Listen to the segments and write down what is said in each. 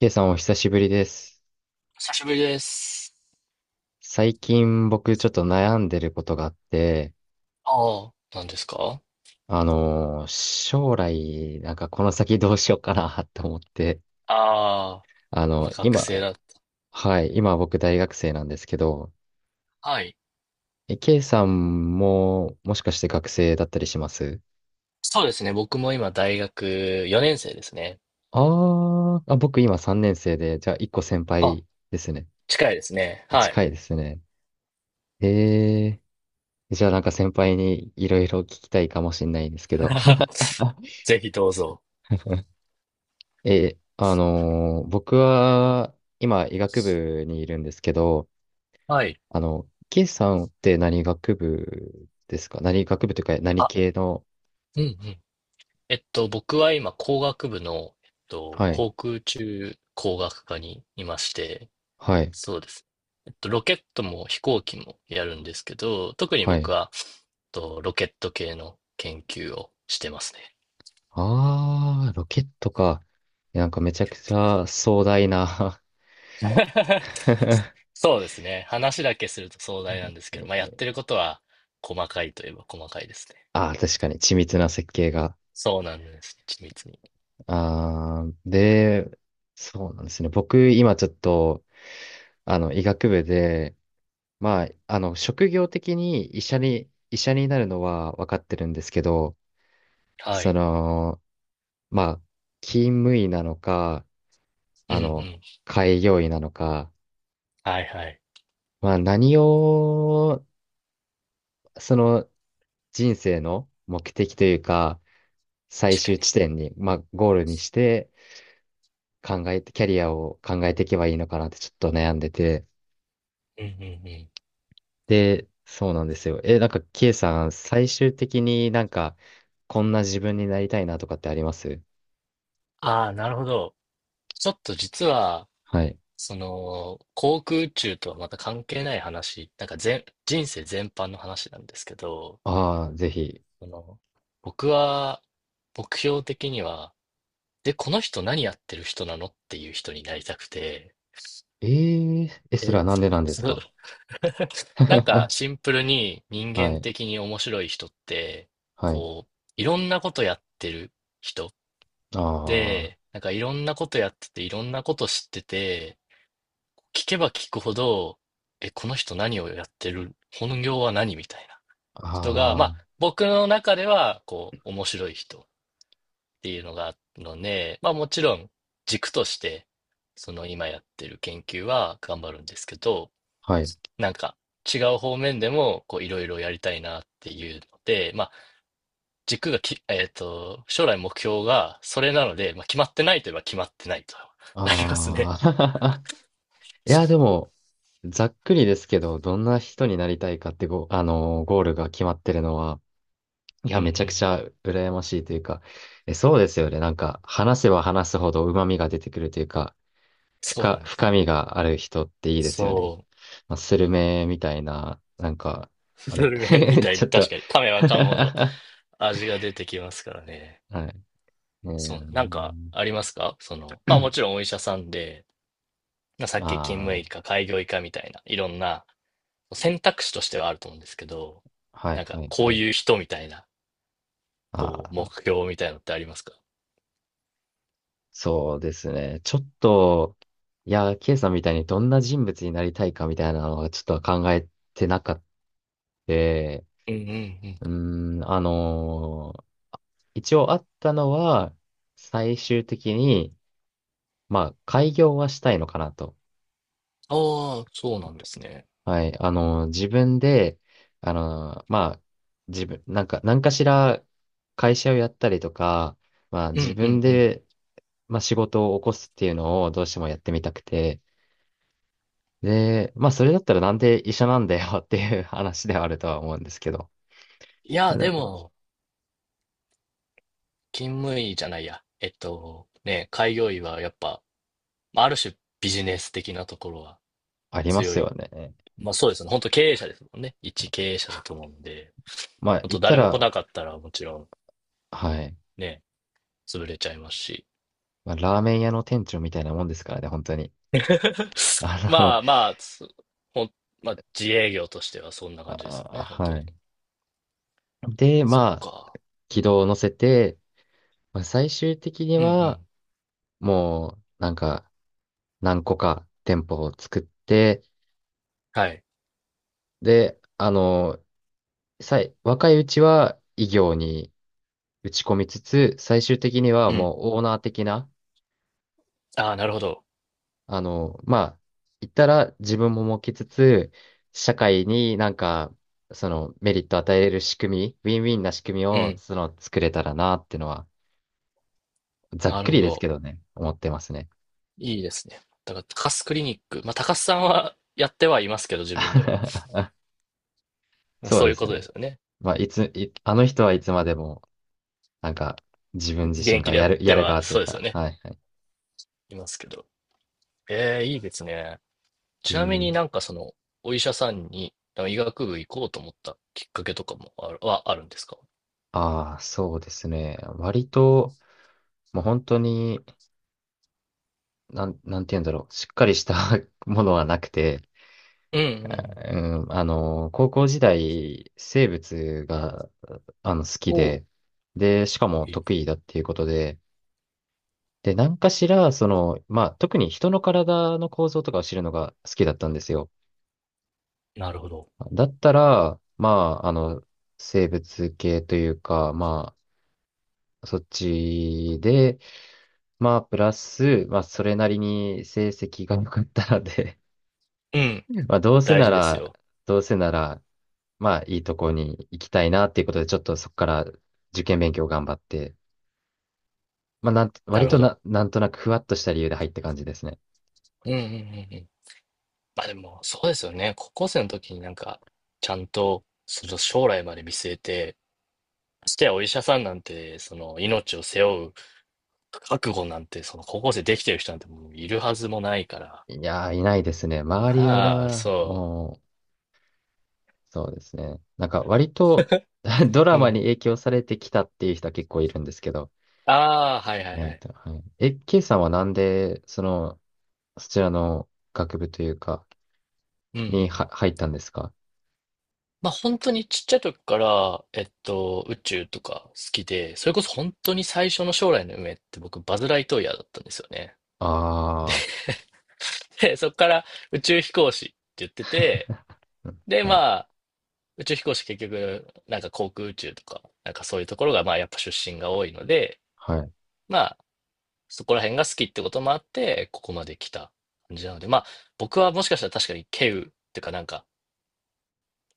K さんお久しぶりです。久しぶりです。最近僕ちょっと悩んでることがあって、ああ、何ですか？将来、なんかこの先どうしようかな って思って、ああ、まあ学生今、だ。はい、今僕大学生なんですけど、はい。え K さんももしかして学生だったりします？そうですね。僕も今大学4年生ですね。あーあ、僕今3年生で、じゃあ1個先あ、輩ですね。近いですね。は近い。いですね。えじゃあなんか先輩にいろいろ聞きたいかもしれないんですけど。ぜひどうぞ。え、あのー僕は今医学部にいるんですけど、はい。ケイさんって何学部ですか？何学部というか何あ、系の？うんうん。僕は今工学部の、はい、航空宇宙工学科にいまして、はい、そうです。えっと、ロケットも飛行機もやるんですけど、特には僕い。は、ロケット系の研究をしてますね。あー、ロケットか。なんかめちゃくちゃ壮大な そうですね。話だけすると壮大なんですけど、えまあ、やってるー、ことは細かいといえば細かいですね。ああ確かに緻密な設計が。そうなんです。緻密に。ああで、そうなんですね。僕今ちょっと、医学部で、まあ、職業的に医者になるのは分かってるんですけど、はそい。の、まあ、勤務医なのか、うんあうの、ん。開業医なのか、はいはい。まあ、何を、その、人生の目的というか、最確か終に。地点に、まあ、ゴールにして、考えて、キャリアを考えていけばいいのかなってちょっと悩んでて、うんうんうん。で、そうなんですよ。え、なんか、ケイさん、最終的になんか、こんな自分になりたいなとかってあります？ああ、なるほど。ちょっと実は、はい。その、航空宇宙とはまた関係ない話、なんか全、人生全般の話なんですけど、ああ、ぜひ。その、僕は、目標的には、で、この人何やってる人なのっていう人になりたくて、えー、え、それはえ、なんでなんでつすか？ なんか シンプルに人は間い、的に面白い人って、はい。こう、いろんなことやってる人あで、なんかいろんなことやってて、いろんなこと知ってて、聞けば聞くほど、え、この人何をやってる、本業は何みたいなあ、人が、まあ、あ僕の中では、こう、面白い人。っていうのがあるので、まあもちろん軸として、その今やってる研究は頑張るんですけど、あ、はい。なんか違う方面でもこういろいろやりたいなっていうので、まあ軸がき、将来目標がそれなので、まあ決まってないといえば決まってないと なりますね。ああ、いや、でも、ざっくりですけど、どんな人になりたいかってご、ゴールが決まってるのは、いうんや、うめちゃくちん。ゃ羨ましいというか、え、そうですよね。なんか、話せば話すほど旨味が出てくるというか、そうなんです。深みがある人っていいですそよね。まあ、スルメみたいな、なんか、う。あスれ。 ル メみたいちに、ょっ確と。 かに噛め ば噛むほどは味が出てきますからね。い。えそう。なんかー、ありますか？その、まあもちろん お医者さんで、まあさっき勤務あ医か開業医かみたいな、いろんな選択肢としてはあると思うんですけど、あ、はいなんはか、いこはうい。いう人みたいな、こあう、目あ、標みたいなのってありますか？そうですね。ちょっと、いや、ケイさんみたいにどんな人物になりたいかみたいなのはちょっと考えてなかった。ううんうんうん。ーん、一応あったのは、最終的に、まあ、開業はしたいのかなと。ああ、そうなんですね。はい。自分で、まあ、自分、なんか、何かしら会社をやったりとか、まあ、う自んう分んうん。で、まあ、仕事を起こすっていうのをどうしてもやってみたくて、で、まあ、それだったらなんで医者なんだよって いう話ではあるとは思うんですけど、いや、あ、ででも、も、勤務医じゃないや。えっと、ね、開業医はやっぱ、まあある種ビジネス的なところはありま強すよい。ね。まあそうですね。本当経営者ですもんね。一経営者だと思うんで、まあ、本言当った誰も来ら、なかったらもちろんはい。ね、潰れちゃいますし。まあ、ラーメン屋の店長みたいなもんですからね、本当に。あの、まあまあ、つほん、まあ、自営業としてはそんな感じですよあ、ね、本当はい。に。で、そっまあ、か。う軌ん。道を乗せて、まあ、最終的にうんうは、ん。もう、なんか、何個か店舗を作って、はい。で、若いうちは異業に打ち込みつつ、最終的にはうん。もうオーナー的な、ああ、なるほど。まあ、言ったら自分も設けつつ、社会になんか、そのメリット与えれる仕組み、ウィンウィンな仕組みうを、ん。その、作れたらなっていうのは、ざっなるくりほですけど。どね、思ってますね。いいですね。だから、高須クリニック。まあ、高須さんはやってはいますけど、自分では。まあそうそういでうすことでね。すよね。まあ、いつ、いあの人はいつまでも、なんか、自分現自身役がでややっる、てやるは、側といそううですよか、ね。はいはいますけど。ええ、いいですね。い。えちなみー、になんかその、お医者さんに、なんか医学部行こうと思ったきっかけとかもある、はあるんですか？ああ、そうですね。割と、もう本当に、なんて言うんだろう。しっかりした ものはなくて、うんうあん。うん、高校時代、生物が、好きおお。で、で、しかも得意だっていうことで、で、何かしら、その、まあ、特に人の体の構造とかを知るのが好きだったんですよ。なるほど。だったら、まあ、生物系というか、まそっちで、まあ、プラス、まあ、それなりに成績が良かったので、うん。まあ、どうせ大な事ですら、よ。どうせなら、まあ、いいとこに行きたいなっていうことで、ちょっとそこから受験勉強頑張って、まあ、な割るほとな、ど。なんとなくふわっとした理由で入った感じですね。うんうんうんうん。まあでも、そうですよね。高校生の時になんか、ちゃんと、その将来まで見据えて、ましてやお医者さんなんて、その命を背負う覚悟なんて、その高校生できてる人なんてもういるはずもないから。いやー、いないですね。周りまあ、は、そもう、そうですね。なんか、割と ドう。ラうマん。に影響されてきたっていう人は結構いるんですけど、ああ、はいは意いは外い。とはい。え、K さんはなんで、その、そちらの学部というか、うんうんうにはん。入ったんですか？まあ本当にちっちゃい時から、宇宙とか好きで、それこそ本当に最初の将来の夢って僕、バズ・ライトイヤーだったんですよね。ああで、そこから宇宙飛行士って言ってて、ー、で、はまい、あ、宇宙飛行士結局、なんか航空宇宙とか、なんかそういうところが、まあやっぱ出身が多いので、はい。まあ、そこら辺が好きってこともあって、ここまで来た感じなので、まあ、僕はもしかしたら確かに稀有ていうかなんか、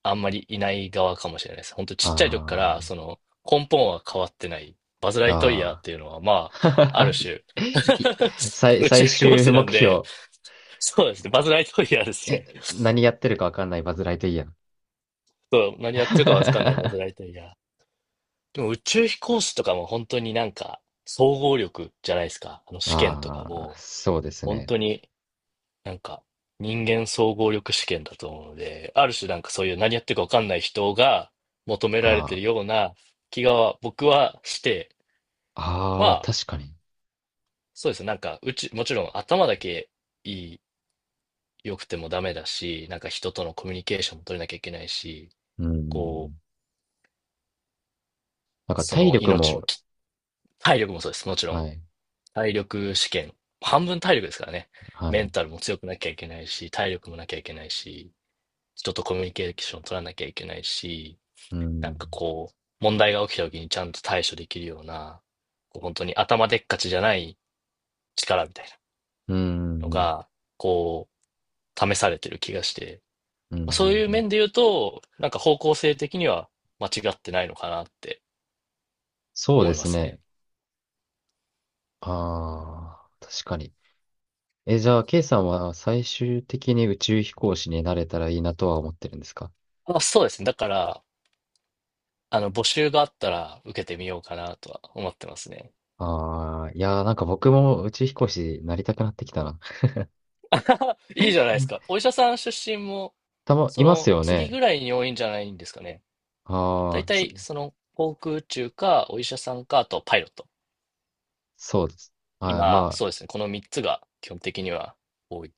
あんまりいない側かもしれないです。本当ちっちゃい時から、あその、根本は変わってない、バズ・ライトイヤーっあ、ていうのは、まあ、あるああ。種 い い宇宙最飛行終士な目んで、標。そうですね、バズ・ライトイヤーですえ、ね。何やってるかわかんないバズライトイヤー。そう、何やってるかわかん ないバズ・ライトイヤー。でも宇宙飛行士とかも本当になんか、総合力じゃないですか。あの試験とかああ、も、そうです本ね。当になんか、人間総合力試験だと思うので、ある種なんかそういう何やってるかわかんない人が求められてるあような気が僕はして、まあ、ああ、あ、確かに。そうですね。なんか、うち、もちろん頭だけいい、良くてもダメだし、なんか人とのコミュニケーションも取れなきゃいけないし、うこん。う、なんかそ体の力命のも、き、体力もそうです。もちろん。はい、体力試験。半分体力ですからね。はメンい。タルも強くなきゃいけないし、体力もなきゃいけないし、人とコミュニケーション取らなきゃいけないし、うなんん。かこう、問題が起きた時にちゃんと対処できるような、こう本当に頭でっかちじゃない力みたいうなのん、うん、が、こう、試されてる気がして、うん、うまあん。そういううん、面で言うと、なんか方向性的には間違ってないのかなってそう思でいますすね。ね。ああ、確かに。え、じゃあ、ケイさんは最終的に宇宙飛行士になれたらいいなとは思ってるんですか？あ、そうですね。だから、あの、募集があったら受けてみようかなとは思ってますね。ああー、いやー、なんか僕も宇宙飛行士になりたくなってきたな。いいじゃないですか。お医者さん出身も、たま、そいますのよ次ね。ぐらいに多いんじゃないんですかね。大ああ、そ、体、その航空宇宙か、お医者さんか、あとパイロット。そうです。あー、今、まそうですね。この3つが基本的には多い。い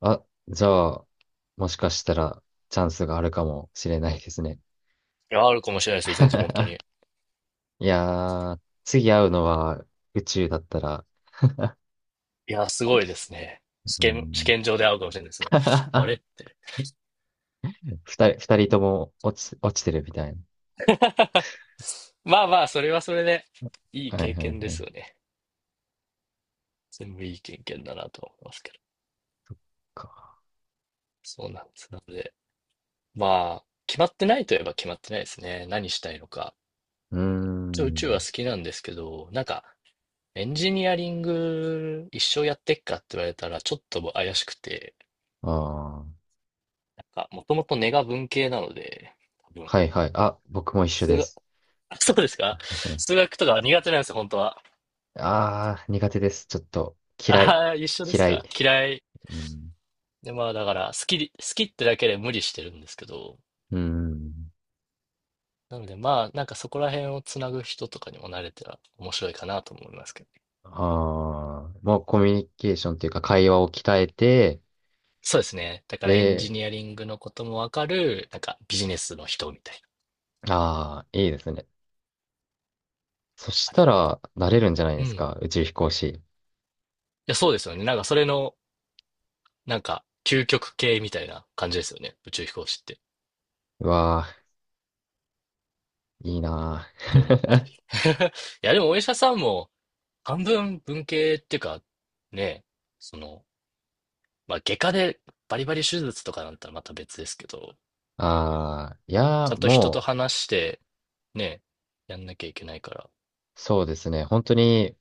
あ、あ、じゃあ、もしかしたらチャンスがあるかもしれないですね。や、あるかもしれないですよ。全然本当に。いやー、次会うのは宇宙だったら、いや、すごいですね。うー試ん、験場で会うかもしれないですね。あれっ て。二人とも落ちてるみたいな。まあまあ、それはそれで、いいはい経はいは験ですよい。ね。全部いい経験だなと思いますけど。そうなんです。なので、まあ、決まってないといえば決まってないですね。何したいのか。うー一応宇宙ん。は好きなんですけど、なんか、エンジニアリング一生やってっかって言われたらちょっと怪しくて、ああ。なんか、もともと根が文系なので、多分、はいはい。あ、僕も一緒数で学、す。あ、そうですか？数学とか苦手なんですよ、本当は。ああー、苦手です。ちょっと、嫌い。ああ、一緒です嫌い。か？嫌い。うん。で、まあだから、好きってだけで無理してるんですけど、うん。なのでまあ、なんかそこら辺をつなぐ人とかにも慣れたら面白いかなと思いますけどね。ああ、もうコミュニケーションというか会話を鍛えて、そうですね。だからエンで、ジニアリングのこともわかる、なんかビジネスの人みたいな。ああ、いいですね。そしあ、でたも、ら、なれるんじゃないうですん。か。宇宙飛行士。や、そうですよね。なんかそれの、なんか、究極系みたいな感じですよね。宇宙飛行士って。っうわあ、いいなて思ったあ。り。いや、でもお医者さんも、半分文系っていうか、ね、その、まあ、外科でバリバリ手術とかなんたらまた別ですけど、ああ、いやちゃー、んと人ともう、話して、ね、やんなきゃいけないから。いそうですね。本当に、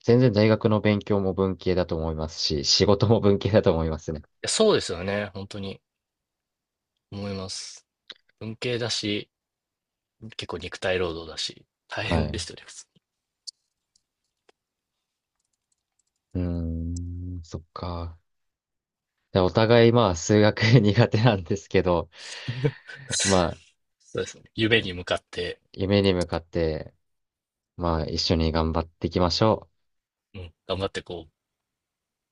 全然大学の勉強も文系だと思いますし、仕事も文系だと思いますね。や、そうですよね。本当に思います。文系だし、結構肉体労働だし、大はい。変でうしたね、普通に。ーん、そっか。でお互いまあ数学 苦手なんですけど、ま あそうですね。夢に向かって、夢に向かって、まあ一緒に頑張っていきましょう。うん、頑張ってこう、